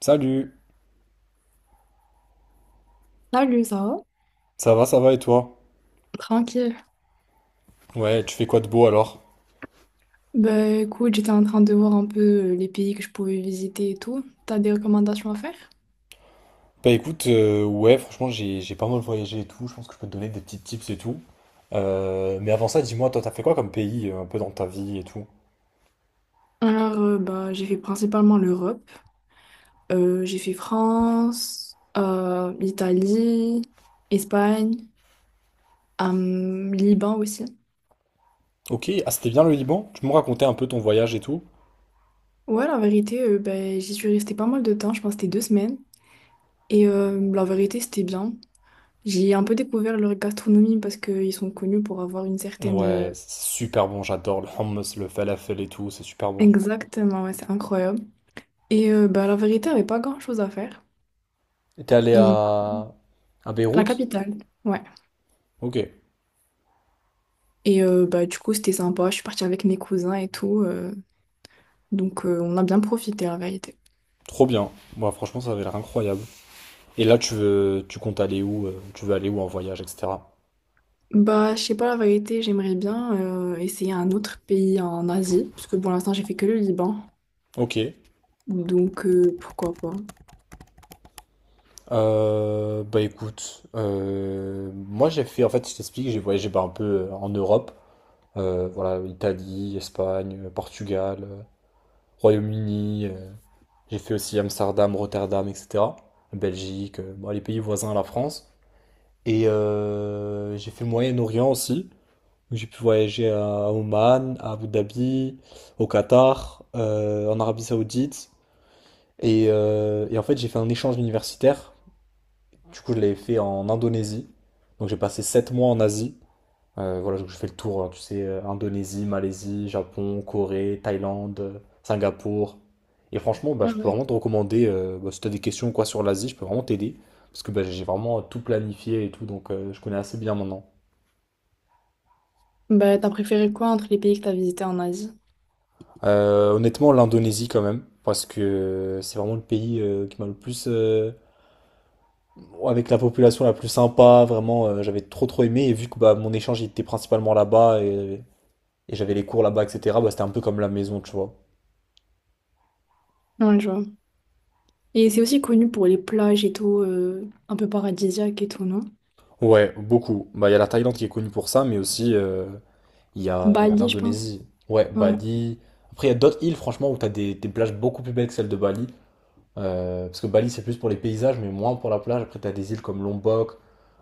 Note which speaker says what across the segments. Speaker 1: Salut,
Speaker 2: Salut, ça va?
Speaker 1: ça va et toi?
Speaker 2: Tranquille.
Speaker 1: Ouais, tu fais quoi de beau alors?
Speaker 2: Bah écoute, j'étais en train de voir un peu les pays que je pouvais visiter et tout. T'as des recommandations à faire?
Speaker 1: Bah écoute, ouais, franchement, j'ai pas mal voyagé et tout, je pense que je peux te donner des petits tips et tout. Mais avant ça, dis-moi, toi, t'as fait quoi comme pays un peu dans ta vie et tout?
Speaker 2: Alors, bah, j'ai fait principalement l'Europe. J'ai fait France, Italie, Espagne, Liban aussi.
Speaker 1: Ok, ah, c'était bien le Liban? Tu me racontais un peu ton voyage et tout?
Speaker 2: Ouais, la vérité, bah, j'y suis restée pas mal de temps, je pense que c'était deux semaines. Et la vérité, c'était bien. J'ai un peu découvert leur gastronomie parce qu'ils sont connus pour avoir une certaine...
Speaker 1: Ouais, c'est super bon, j'adore le hummus, le falafel et tout, c'est super bon.
Speaker 2: Exactement, ouais, c'est incroyable. Et bah, la vérité, il n'y avait pas grand-chose à faire.
Speaker 1: Et t'es allé
Speaker 2: Mm.
Speaker 1: à
Speaker 2: À la
Speaker 1: Beyrouth?
Speaker 2: capitale, ouais.
Speaker 1: Ok,
Speaker 2: Et bah, du coup, c'était sympa. Je suis partie avec mes cousins et tout. Donc, on a bien profité, la vérité.
Speaker 1: trop bien. Moi, franchement, ça avait l'air incroyable. Et là, tu veux, tu comptes aller où? Tu veux aller où en voyage, etc.
Speaker 2: Bah, je sais pas, la vérité, j'aimerais bien essayer un autre pays en Asie. Parce que pour l'instant, j'ai fait que le Liban.
Speaker 1: Ok.
Speaker 2: Donc, pourquoi pas.
Speaker 1: Bah écoute, moi j'ai fait, en fait je t'explique, j'ai voyagé bah, un peu en Europe. Voilà, Italie, Espagne, Portugal, Royaume-Uni, j'ai fait aussi Amsterdam, Rotterdam, etc. Belgique, bon, les pays voisins à la France. Et j'ai fait le Moyen-Orient aussi. Donc, j'ai pu voyager à Oman, à Abu Dhabi, au Qatar, en Arabie Saoudite. Et en fait j'ai fait un échange universitaire. Du coup, je l'avais fait en Indonésie. Donc, j'ai passé 7 mois en Asie. Voilà, donc je fais le tour, hein, tu sais, Indonésie, Malaisie, Japon, Corée, Thaïlande, Singapour. Et franchement, bah,
Speaker 2: Ah
Speaker 1: je peux
Speaker 2: ouais.
Speaker 1: vraiment te recommander, bah, si tu as des questions ou quoi sur l'Asie, je peux vraiment t'aider. Parce que bah, j'ai vraiment tout planifié et tout, donc je connais assez bien maintenant.
Speaker 2: Bah, t'as préféré quoi entre les pays que t'as visités en Asie?
Speaker 1: Honnêtement, l'Indonésie quand même, parce que c'est vraiment le pays qui m'a le plus... avec la population la plus sympa, vraiment, j'avais trop trop aimé. Et vu que bah, mon échange il était principalement là-bas, et j'avais les cours là-bas, etc. Bah, c'était un peu comme la maison, tu vois.
Speaker 2: Ouais, je vois. Et c'est aussi connu pour les plages et tout, un peu paradisiaque et tout, non?
Speaker 1: Ouais, beaucoup. Bah, il y a la Thaïlande qui est connue pour ça, mais aussi il y a
Speaker 2: Bali, je pense.
Speaker 1: l'Indonésie. Ouais,
Speaker 2: Ouais.
Speaker 1: Bali. Après, il y a d'autres îles, franchement, où tu as des plages beaucoup plus belles que celles de Bali. Parce que Bali, c'est plus pour les paysages, mais moins pour la plage. Après, tu as des îles comme Lombok,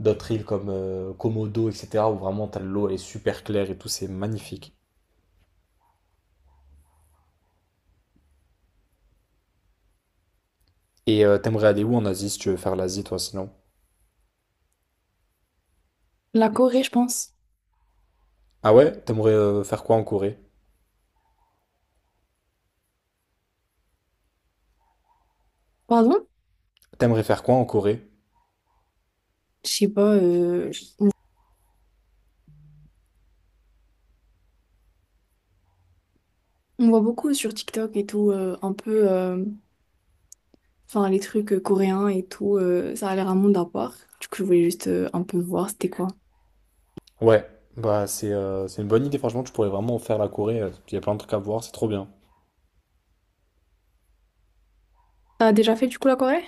Speaker 1: d'autres îles comme Komodo, etc. où vraiment, tu as l'eau, elle est super claire et tout, c'est magnifique. Et t'aimerais aller où en Asie si tu veux faire l'Asie, toi, sinon?
Speaker 2: La Corée, je pense.
Speaker 1: Ah ouais? T'aimerais faire quoi en Corée?
Speaker 2: Pardon?
Speaker 1: T'aimerais faire quoi en Corée?
Speaker 2: Je sais pas, on voit beaucoup sur TikTok et tout, un peu, enfin les trucs coréens et tout, ça a l'air un monde à part. Du coup, je voulais juste un peu voir c'était quoi.
Speaker 1: Ouais, bah c'est une bonne idée, franchement, tu pourrais vraiment faire la Corée, il y a plein de trucs à voir, c'est trop bien.
Speaker 2: T'as déjà fait du coup la Corée?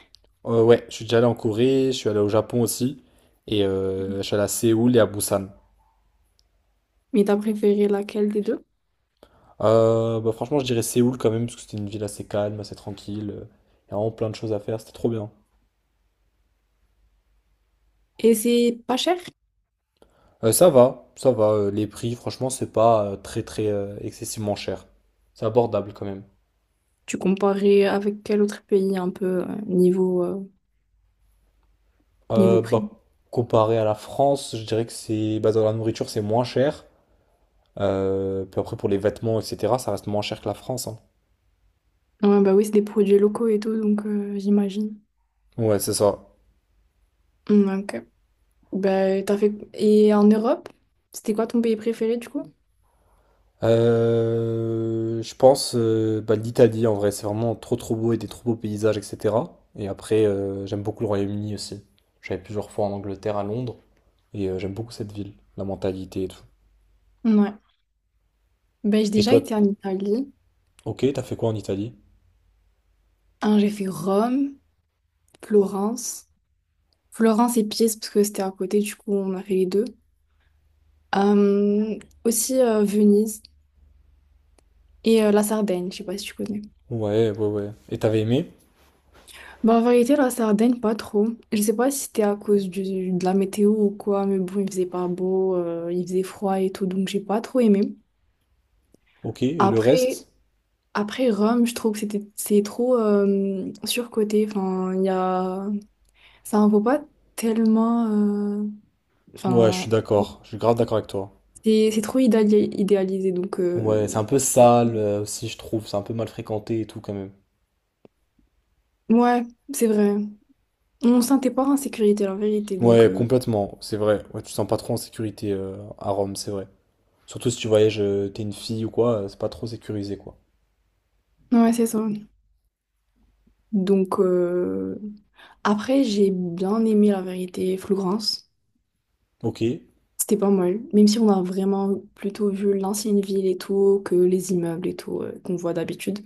Speaker 1: Ouais, je suis déjà allé en Corée, je suis allé au Japon aussi, et je suis allé à Séoul et à Busan.
Speaker 2: Mais t'as préféré laquelle des deux?
Speaker 1: Bah franchement, je dirais Séoul quand même, parce que c'était une ville assez calme, assez tranquille, il y a vraiment plein de choses à faire, c'était trop bien.
Speaker 2: Et c'est pas cher?
Speaker 1: Ça va, ça va, les prix, franchement, c'est pas très très excessivement cher. C'est abordable quand même.
Speaker 2: Tu comparais avec quel autre pays un peu niveau prix?
Speaker 1: Bah, comparé à la France, je dirais que c'est, bah, dans la nourriture, c'est moins cher. Puis après, pour les vêtements, etc., ça reste moins cher que la France, hein.
Speaker 2: Ouais, bah oui, c'est des produits locaux et tout, donc j'imagine.
Speaker 1: Ouais, c'est ça.
Speaker 2: Mm, ok. Bah, t'as fait... Et en Europe, c'était quoi ton pays préféré du coup?
Speaker 1: Je pense bah, l'Italie, en vrai, c'est vraiment trop trop beau et des trop beaux paysages, etc. Et après, j'aime beaucoup le Royaume-Uni aussi. J'avais plusieurs fois en Angleterre, à Londres, et j'aime beaucoup cette ville, la mentalité et tout.
Speaker 2: Ouais. Ben, j'ai
Speaker 1: Et
Speaker 2: déjà
Speaker 1: toi,
Speaker 2: été en Italie.
Speaker 1: ok, t'as fait quoi en Italie?
Speaker 2: Un, j'ai fait Rome, Florence. Florence et Pise, parce que c'était à côté, du coup, on a fait les deux. Euh, aussi Venise et la Sardaigne, je sais pas si tu connais.
Speaker 1: Ouais, ouais, ouais. Et t'avais aimé?
Speaker 2: Bah, en vérité, la Sardaigne, pas trop. Je sais pas si c'était à cause de la météo ou quoi, mais bon, il faisait pas beau, il faisait froid et tout, donc j'ai pas trop aimé.
Speaker 1: Ok, et le
Speaker 2: Après,
Speaker 1: reste?
Speaker 2: après Rome, je trouve que c'est trop surcoté. Enfin, il y a... Ça en vaut pas tellement...
Speaker 1: Ouais, je suis
Speaker 2: Enfin,
Speaker 1: d'accord, je suis grave d'accord avec toi.
Speaker 2: c'est trop idéalisé, donc...
Speaker 1: Ouais, c'est un peu sale aussi, je trouve, c'est un peu mal fréquenté et tout quand même.
Speaker 2: Ouais, c'est vrai. On se sentait pas en sécurité, en vérité, donc...
Speaker 1: Ouais, complètement, c'est vrai. Ouais, tu te sens pas trop en sécurité à Rome, c'est vrai. Surtout si tu voyages, t'es une fille ou quoi, c'est pas trop sécurisé, quoi.
Speaker 2: Ouais, c'est ça. Donc, après, j'ai bien aimé, la vérité, Flougrance.
Speaker 1: Ok.
Speaker 2: C'était pas mal, même si on a vraiment plutôt vu l'ancienne ville et tout, que les immeubles et tout, qu'on voit d'habitude.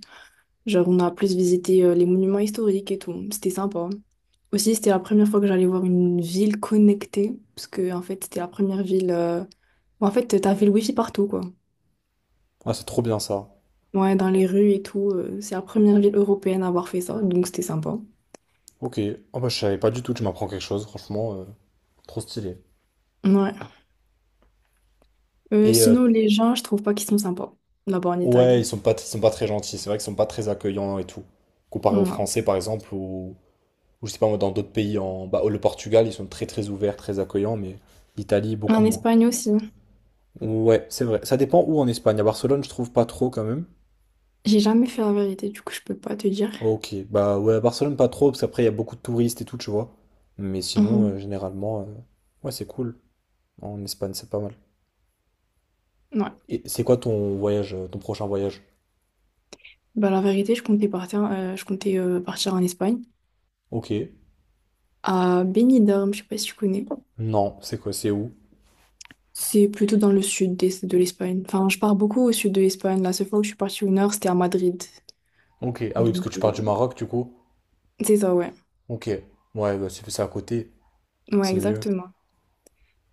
Speaker 2: Genre, on a plus visité, les monuments historiques et tout. C'était sympa. Aussi, c'était la première fois que j'allais voir une ville connectée, parce que en fait, c'était la première ville. Où, en fait, t'avais le wifi partout, quoi.
Speaker 1: Ah, c'est trop bien ça.
Speaker 2: Ouais, dans les rues et tout. C'est la première ville européenne à avoir fait ça, donc c'était sympa.
Speaker 1: Ok. Ah bah, je savais pas du tout, tu m'apprends quelque chose, franchement. Trop stylé.
Speaker 2: Ouais.
Speaker 1: Et
Speaker 2: Sinon, les gens, je trouve pas qu'ils sont sympas là-bas en
Speaker 1: ouais, ils
Speaker 2: Italie.
Speaker 1: sont pas, ils sont pas très gentils, c'est vrai qu'ils sont pas très accueillants et tout. Comparé aux
Speaker 2: Non.
Speaker 1: Français, par exemple, ou je sais pas moi, dans d'autres pays, en, bah, le Portugal, ils sont très très ouverts, très accueillants, mais l'Italie, beaucoup
Speaker 2: En
Speaker 1: moins.
Speaker 2: Espagne aussi.
Speaker 1: Ouais, c'est vrai. Ça dépend où en Espagne. À Barcelone, je trouve pas trop quand même.
Speaker 2: J'ai jamais fait la vérité, du coup, je peux pas te dire.
Speaker 1: Ok, bah ouais, à Barcelone pas trop, parce qu'après il y a beaucoup de touristes et tout, tu vois. Mais sinon,
Speaker 2: Mhm.
Speaker 1: généralement, ouais, c'est cool. En Espagne, c'est pas mal.
Speaker 2: Ouais.
Speaker 1: Et c'est quoi ton voyage, ton prochain voyage?
Speaker 2: Bah, la vérité, je comptais partir en Espagne,
Speaker 1: Ok.
Speaker 2: à Benidorm, je sais pas si tu connais.
Speaker 1: Non, c'est quoi, c'est où?
Speaker 2: C'est plutôt dans le sud de l'Espagne. Enfin, je pars beaucoup au sud de l'Espagne. La seule fois où je suis partie au nord, c'était à Madrid.
Speaker 1: Ok. Ah oui, parce que
Speaker 2: Donc,
Speaker 1: tu pars du Maroc, du coup.
Speaker 2: c'est ça, ouais.
Speaker 1: Ok. Ouais, bah c'est à côté,
Speaker 2: Ouais,
Speaker 1: c'est mieux.
Speaker 2: exactement.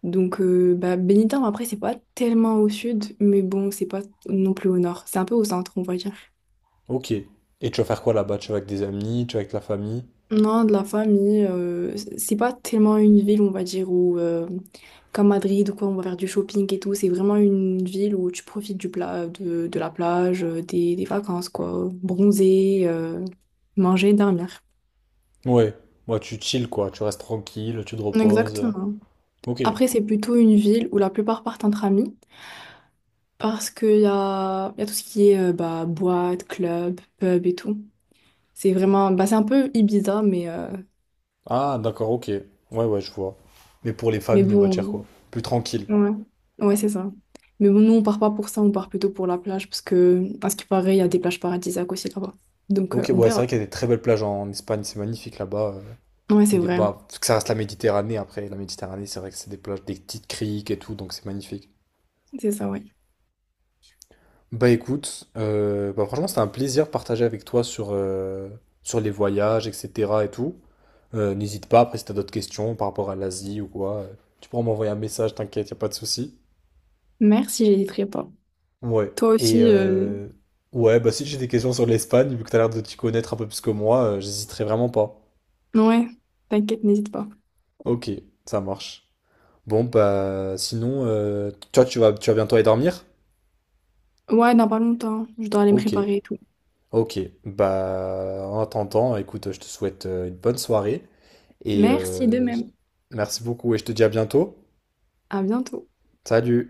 Speaker 2: Donc, bah, Benidorm, après, c'est pas tellement au sud, mais bon, c'est pas non plus au nord. C'est un peu au centre, on va dire.
Speaker 1: Ok. Et tu vas faire quoi là-bas? Tu vas avec des amis, tu vas avec la famille?
Speaker 2: Non, de la famille, c'est pas tellement une ville, on va dire, où, comme Madrid, ou quoi, on va faire du shopping et tout. C'est vraiment une ville où tu profites de la plage, des vacances, quoi. Bronzer, manger, dormir.
Speaker 1: Ouais. Ouais, tu chill quoi, tu restes tranquille, tu te reposes.
Speaker 2: Exactement.
Speaker 1: Ok.
Speaker 2: Après, c'est plutôt une ville où la plupart partent entre amis parce y a tout ce qui est bah, boîte, club, pub et tout. C'est vraiment, bah, c'est un peu Ibiza,
Speaker 1: Ah, d'accord, ok. Ouais, ouais, je vois. Mais pour les
Speaker 2: mais
Speaker 1: familles, on va dire
Speaker 2: bon,
Speaker 1: quoi? Plus tranquille.
Speaker 2: ouais, ouais, c'est ça. Mais bon, nous, on part pas pour ça, on part plutôt pour la plage parce que, à ce qui paraît, il y a des plages paradisiaques aussi là-bas. Donc,
Speaker 1: Ok,
Speaker 2: on
Speaker 1: ouais, c'est vrai
Speaker 2: verra.
Speaker 1: qu'il y a des très belles plages en Espagne, c'est magnifique là-bas.
Speaker 2: Ouais,
Speaker 1: Il y
Speaker 2: c'est
Speaker 1: a des
Speaker 2: vrai.
Speaker 1: bah, parce que ça reste la Méditerranée après. La Méditerranée, c'est vrai que c'est des plages, des petites criques et tout, donc c'est magnifique.
Speaker 2: C'est ça, ouais.
Speaker 1: Bah écoute, bah, franchement, c'était un plaisir de partager avec toi sur, sur les voyages, etc. et tout. N'hésite pas, après, si t'as d'autres questions par rapport à l'Asie ou quoi, tu pourras m'envoyer un message, t'inquiète, y a pas de souci.
Speaker 2: Merci, j'hésiterai pas.
Speaker 1: Ouais,
Speaker 2: Toi
Speaker 1: et
Speaker 2: aussi,
Speaker 1: ouais, bah si j'ai des questions sur l'Espagne, vu que t'as l'air de t'y connaître un peu plus que moi, j'hésiterai vraiment pas.
Speaker 2: ouais, t'inquiète, n'hésite pas.
Speaker 1: Ok, ça marche. Bon, bah, sinon, toi, tu vas bientôt aller dormir?
Speaker 2: Ouais, dans pas longtemps, je dois aller me
Speaker 1: Ok,
Speaker 2: préparer et tout.
Speaker 1: ok. Bah, en attendant, écoute, je te souhaite une bonne soirée et
Speaker 2: Merci de même.
Speaker 1: merci beaucoup et je te dis à bientôt.
Speaker 2: À bientôt.
Speaker 1: Salut!